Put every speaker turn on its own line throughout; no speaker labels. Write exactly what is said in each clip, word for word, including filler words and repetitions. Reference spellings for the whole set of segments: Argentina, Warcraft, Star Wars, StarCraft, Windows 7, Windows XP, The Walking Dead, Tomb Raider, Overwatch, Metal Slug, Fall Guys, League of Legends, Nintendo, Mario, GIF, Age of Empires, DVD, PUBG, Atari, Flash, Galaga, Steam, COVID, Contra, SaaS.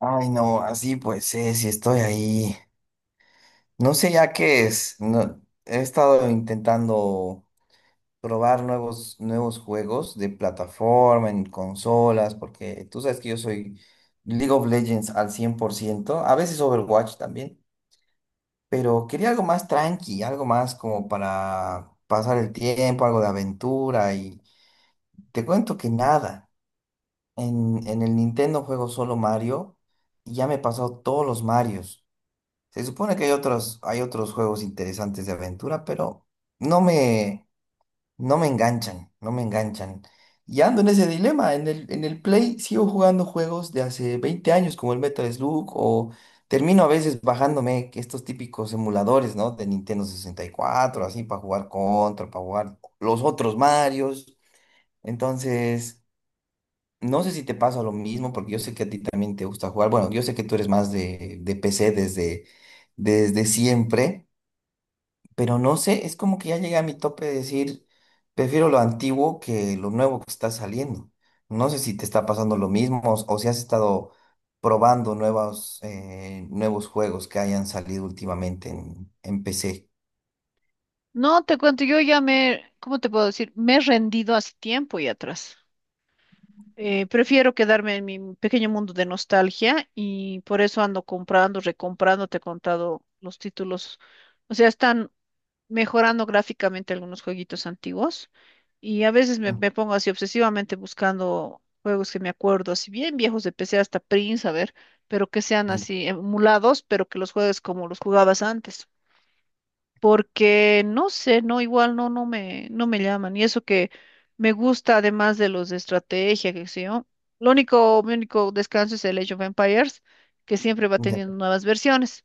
Ay, no, así pues es, y estoy ahí. No sé ya qué es. No, he estado intentando probar nuevos, nuevos juegos de plataforma, en consolas, porque tú sabes que yo soy League of Legends al cien por ciento. A veces Overwatch también, pero quería algo más tranqui, algo más como para pasar el tiempo, algo de aventura, y te cuento que nada. En, en el Nintendo juego solo Mario, y ya me he pasado todos los Marios. Se supone que hay otros, hay otros juegos interesantes de aventura, pero no me, no me enganchan, no me enganchan. Y ando en ese dilema. En el, en el Play sigo jugando juegos de hace veinte años, como el Metal Slug, o termino a veces bajándome que estos típicos emuladores, ¿no? De Nintendo sesenta y cuatro así, para jugar Contra, para jugar los otros Marios. Entonces. No sé si te pasa lo mismo, porque yo sé que a ti también te gusta jugar. Bueno, yo sé que tú eres más de, de P C desde, desde siempre, pero no sé, es como que ya llegué a mi tope de decir, prefiero lo antiguo que lo nuevo que está saliendo. No sé si te está pasando lo mismo o, o si has estado probando nuevos, eh, nuevos juegos que hayan salido últimamente en, en P C.
No, te cuento, yo ya me, ¿cómo te puedo decir? Me he rendido hace tiempo y atrás. Eh, prefiero quedarme en mi pequeño mundo de nostalgia y por eso ando comprando, recomprando, te he contado los títulos. O sea, están mejorando gráficamente algunos jueguitos antiguos y a veces me,
Mm,
me pongo así obsesivamente buscando juegos que me acuerdo, así bien viejos de P C hasta Prince, a ver, pero que sean
mm.
así emulados, pero que los juegues como los jugabas antes porque no sé, no, igual no, no me, no me llaman. Y eso que me gusta, además de los de estrategia, que sé yo. Lo único, mi único descanso es el Age of Empires, que siempre va
Ya,
teniendo nuevas versiones.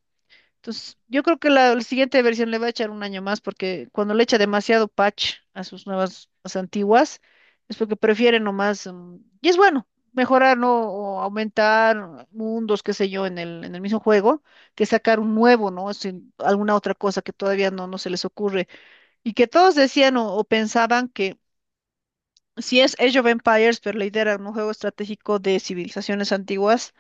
Entonces, yo creo que la, la siguiente versión le va a echar un año más porque cuando le echa demasiado patch a sus nuevas, a las antiguas, es porque prefiere nomás, mm, y es bueno, mejorar, ¿no? O aumentar mundos, qué sé yo, en el, en el mismo juego, que sacar un nuevo, ¿no? Sin alguna otra cosa que todavía no, no se les ocurre. Y que todos decían o, o pensaban que si es Age of Empires, pero la idea era un juego estratégico de civilizaciones antiguas,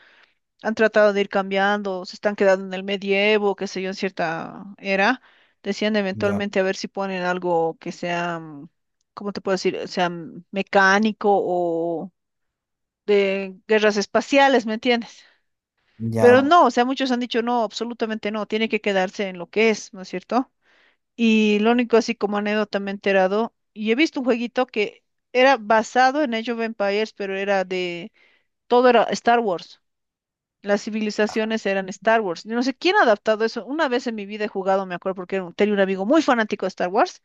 han tratado de ir cambiando, se están quedando en el medievo, qué sé yo, en cierta era. Decían
ya,
eventualmente a ver si ponen algo que sea, mm, ¿cómo te puedo decir? O sea, mm, mecánico o de guerras espaciales, ¿me entiendes? Pero
ya,
no, o sea, muchos han dicho no, absolutamente no, tiene que quedarse en lo que es, ¿no es cierto? Y lo único así como anécdota me he enterado, y he visto un jueguito que era basado en Age of Empires, pero era de, todo era Star Wars. Las civilizaciones eran Star Wars. Yo no sé quién ha adaptado eso. Una vez en mi vida he jugado, me acuerdo, porque era un- tenía un amigo muy fanático de Star Wars,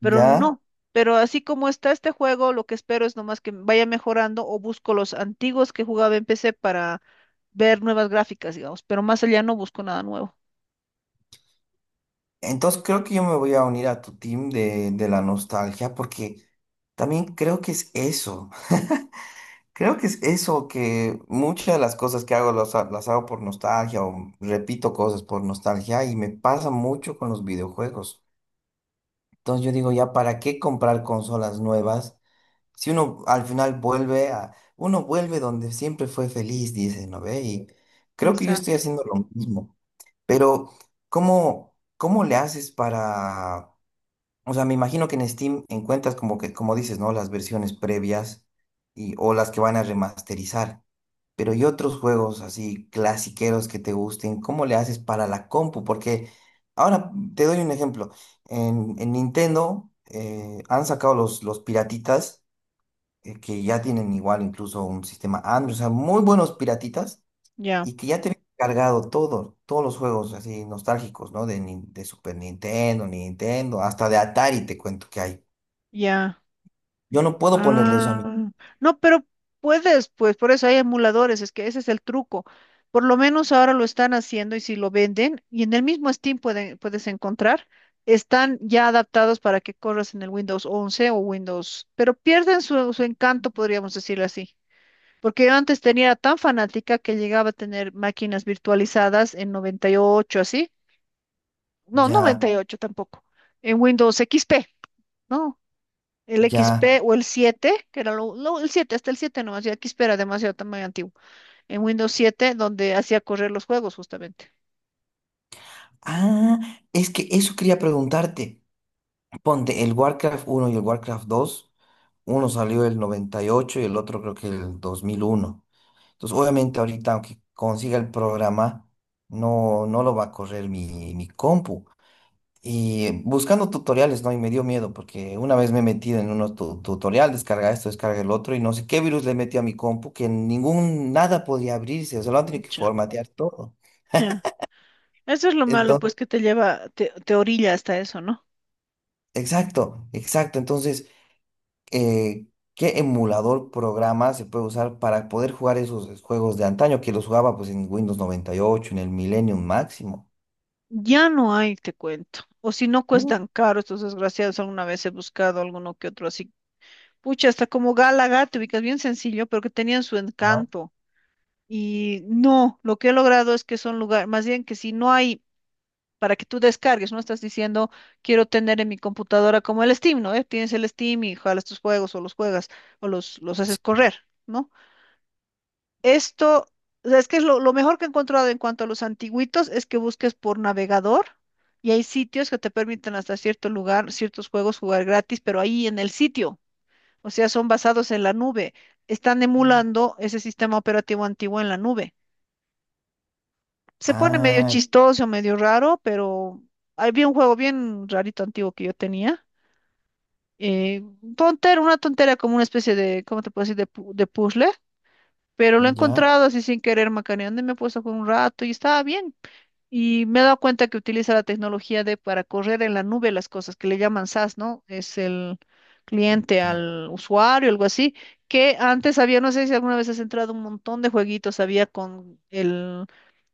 pero
ya.
no. Pero así como está este juego, lo que espero es nomás que vaya mejorando o busco los antiguos que jugaba en P C para ver nuevas gráficas, digamos. Pero más allá no busco nada nuevo.
Entonces creo que yo me voy a unir a tu team de, de la nostalgia porque también creo que es eso. Creo que es eso, que muchas de las cosas que hago las, ha- las hago por nostalgia o repito cosas por nostalgia y me pasa mucho con los videojuegos. Entonces yo digo, ya, ¿para qué comprar consolas nuevas? Si uno al final vuelve a, uno vuelve donde siempre fue feliz, dice, ¿no ve? Y creo que yo estoy
Exacto.
haciendo lo mismo. Pero, ¿cómo, cómo le haces para... O sea, me imagino que en Steam encuentras como que, como dices, ¿no? Las versiones previas y, o las que van a remasterizar. Pero ¿y otros juegos así clasiqueros que te gusten? ¿Cómo le haces para la compu? Porque ahora te doy un ejemplo. En, en Nintendo eh, han sacado los, los piratitas, eh, que ya tienen igual incluso un sistema Android. O sea, muy buenos piratitas
Ya,
y que ya tenía cargado todo, todos los juegos así nostálgicos, ¿no? De, Nin- de Super Nintendo, Nintendo, hasta de Atari te cuento que hay.
ya.
Yo no puedo ponerle eso a
Ah,
mí.
no, pero puedes, pues por eso hay emuladores, es que ese es el truco. Por lo menos ahora lo están haciendo y si lo venden, y en el mismo Steam pueden- puedes encontrar, están ya adaptados para que corras en el Windows once o Windows, pero pierden su, su encanto, podríamos decirlo así. Porque yo antes tenía tan fanática que llegaba a tener máquinas virtualizadas en noventa y ocho así. No,
Ya,
noventa y ocho tampoco, en Windows X P, ¿no? El
ya.
X P o el siete, que era lo, no, el siete hasta el siete nomás, ya X P era demasiado tamaño antiguo. En Windows siete donde hacía correr los juegos, justamente.
Ah, es que eso quería preguntarte. Ponte, el Warcraft uno y el Warcraft dos, uno salió el noventa y ocho y ocho y el otro creo que el dos mil uno. Entonces, obviamente ahorita, aunque consiga el programa, no, no lo va a correr mi, mi compu. Y buscando tutoriales, ¿no? Y me dio miedo porque una vez me he metido en unos tu- tutorial, descarga esto, descarga el otro, y no sé qué virus le metí a mi compu que ningún, nada podía abrirse, o sea, lo han tenido que
Mucha,
formatear todo.
ya. Eso es lo malo,
Entonces,
pues, que te lleva, te, te orilla hasta eso, ¿no?
exacto, exacto. Entonces, eh, ¿qué emulador programa se puede usar para poder jugar esos juegos de antaño que los jugaba pues en Windows noventa y ocho en el Millennium máximo?
Ya no hay, te cuento. O si no
Uh,
cuestan caro estos desgraciados, alguna vez he buscado alguno que otro así. Pucha, hasta como Galaga, te ubicas bien sencillo, pero que tenían su
ya.
encanto. Y no, lo que he logrado es que son lugares, más bien que si no hay para que tú descargues, no estás diciendo, quiero tener en mi computadora como el Steam, ¿no? Eh, Tienes el Steam y jalas tus juegos o los juegas o los, los haces correr, ¿no? Esto, o sea, es que es lo, lo mejor que he encontrado en cuanto a los antiguitos es que busques por navegador y hay sitios que te permiten hasta cierto lugar, ciertos juegos jugar gratis, pero ahí en el sitio, o sea, son basados en la nube, están emulando ese sistema operativo antiguo en la nube. Se pone medio
Ah,
chistoso, medio raro, pero había un juego bien rarito antiguo que yo tenía. Eh, Tontera, una tontera como una especie de, ¿cómo te puedo decir? De, pu- de puzzle, pero lo he
ya.
encontrado así sin querer macaneando y me he puesto con un rato y estaba bien. Y me he dado cuenta que utiliza la tecnología de para correr en la nube las cosas que le llaman SaaS, ¿no? Es el cliente al usuario, algo así, que antes había, no sé si alguna vez has entrado un montón de jueguitos, había con el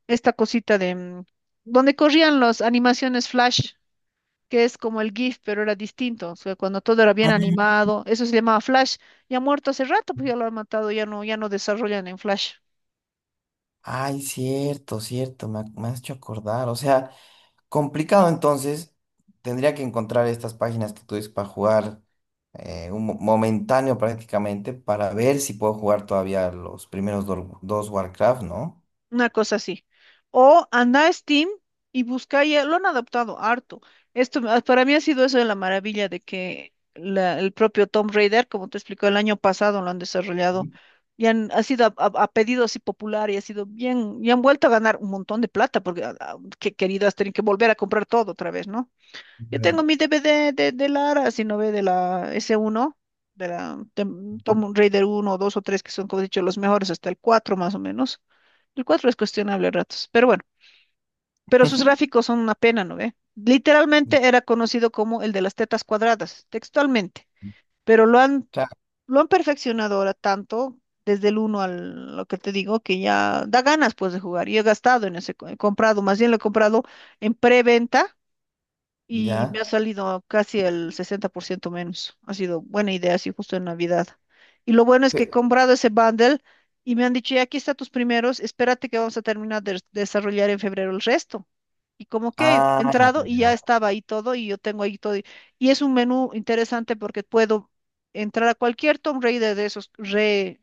esta cosita de mm, donde corrían las animaciones flash, que es como el GIF, pero era distinto. O sea, cuando todo era bien animado, eso se llamaba flash. Ya muerto hace rato, pues ya lo han matado, ya no, ya no desarrollan en flash.
Ay, cierto, cierto, me, ha- me has hecho acordar. O sea, complicado entonces, tendría que encontrar estas páginas que tú dices para jugar, eh, un mo- momentáneo prácticamente para ver si puedo jugar todavía los primeros do- dos Warcraft, ¿no?
Una cosa así. O anda a Steam y busca, ya lo han adaptado harto. Esto me- para mí ha sido eso de la maravilla de que la- el propio Tomb Raider, como te explicó el año pasado, lo han desarrollado
Ujú.
y han, ha sido a, a- a pedido así popular y ha sido bien, y han vuelto a ganar un montón de plata porque a- a- que queridas tienen que volver a comprar todo otra vez, ¿no? Yo tengo mi D V D de, de Lara, si no ve de la ese uno, de la de mm, Tomb Raider uno dos o tres que son, como he dicho, los mejores, hasta el cuatro más o menos. El cuatro es cuestionable a ratos, pero bueno, pero sus gráficos son una pena, ¿no ve? Literalmente era conocido como el de las tetas cuadradas, textualmente, pero lo han,
Claro,
lo han perfeccionado ahora tanto, desde el uno al lo que te digo, que ya da ganas pues de jugar. Y he gastado en ese, co- he comprado, más bien lo he comprado en preventa y me ha
ya.
salido casi el sesenta por ciento menos. Ha sido buena idea, sí, justo en Navidad. Y lo bueno es que he
Pe-
comprado ese bundle y me han dicho, ya aquí están tus primeros, espérate que vamos a terminar de desarrollar en febrero el resto. Y como que he
ah, ya,
entrado y ya
ya,
estaba ahí todo y yo tengo ahí todo. Y y es un menú interesante porque puedo entrar a cualquier Tomb Raider de esos re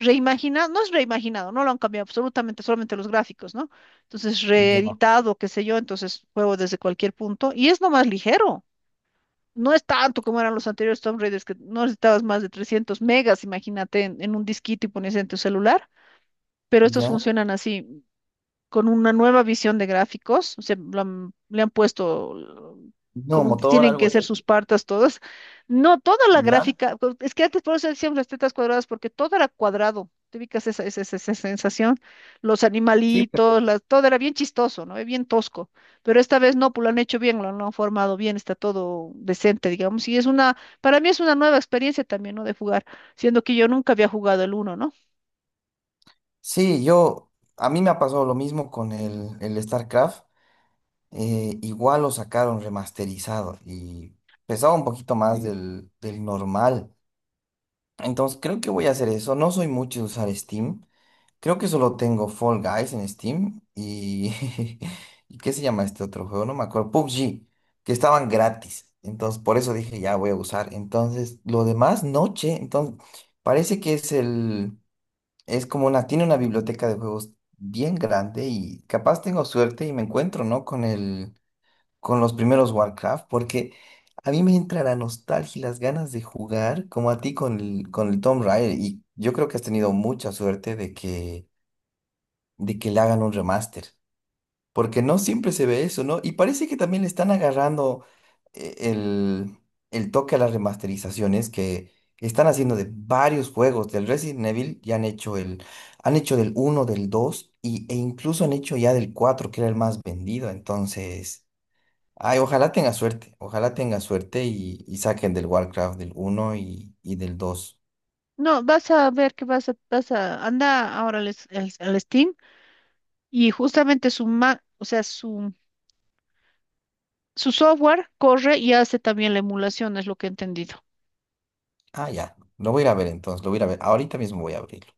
reimaginado, no es reimaginado, no lo han cambiado absolutamente, solamente los gráficos, ¿no? Entonces,
ya,
reeditado, qué sé yo, entonces juego desde cualquier punto y es nomás ligero. No es tanto como eran los anteriores Tomb Raiders, que no necesitabas más de trescientos megas, imagínate, en, en un disquito y ponías en tu celular, pero estos
ya.
funcionan así con una nueva visión de gráficos, o sea, lo han- le han puesto eh,
No,
como
motor,
tienen
algo
que ser
así,
sus partas todas. No, toda la
ya.
gráfica, co- es que antes por eso decíamos las tetas cuadradas, porque todo era cuadrado. ¿Te ubicas esa, esa, esa- esa sensación? Los
Sí, pe-
animalitos, las- todo era bien chistoso, ¿no? Eh, Bien tosco. Pero esta vez no, pues lo han hecho bien, lo han, lo han formado bien, está todo decente, digamos. Y es una, para mí es una nueva experiencia también, ¿no? De jugar, siendo que yo nunca había jugado el uno, ¿no?
sí, yo, a mí me ha pasado lo mismo con el, el StarCraft. Eh, igual lo sacaron remasterizado y pesaba un poquito más. Sí. del, del normal. Entonces creo que voy a hacer eso. No soy mucho de usar Steam. Creo que solo tengo Fall Guys en Steam y... ¿Y qué se llama este otro juego? No me acuerdo. pubg, que estaban gratis. Entonces por eso dije, ya voy a usar. Entonces lo demás, noche. Entonces parece que es el... Es como una... Tiene una biblioteca de juegos bien grande y capaz tengo suerte y me encuentro, ¿no? Con el con los primeros Warcraft, porque a mí me entra la nostalgia y las ganas de jugar, como a ti con el, con el Tomb Raider, y yo creo que has tenido mucha suerte de que, de que le hagan un remaster, porque no siempre se ve eso, ¿no? Y parece que también le están agarrando, eh, el, el toque a las remasterizaciones que están haciendo de varios juegos. Del Resident Evil ya han hecho el, han hecho del uno, del dos, y, e incluso han hecho ya del cuatro, que era el más vendido, entonces... Ay, ojalá tenga suerte, ojalá tenga suerte, y, y saquen del Warcraft del uno y, y del dos.
No, vas a ver que vas a, vas a, anda ahora al, es- al- al Steam y justamente su ma- o sea, su, su software corre y hace también la emulación, es lo que he entendido.
Ah, ya, lo voy a ir a ver entonces, lo voy a ir a ver. Ahorita mismo voy a abrirlo.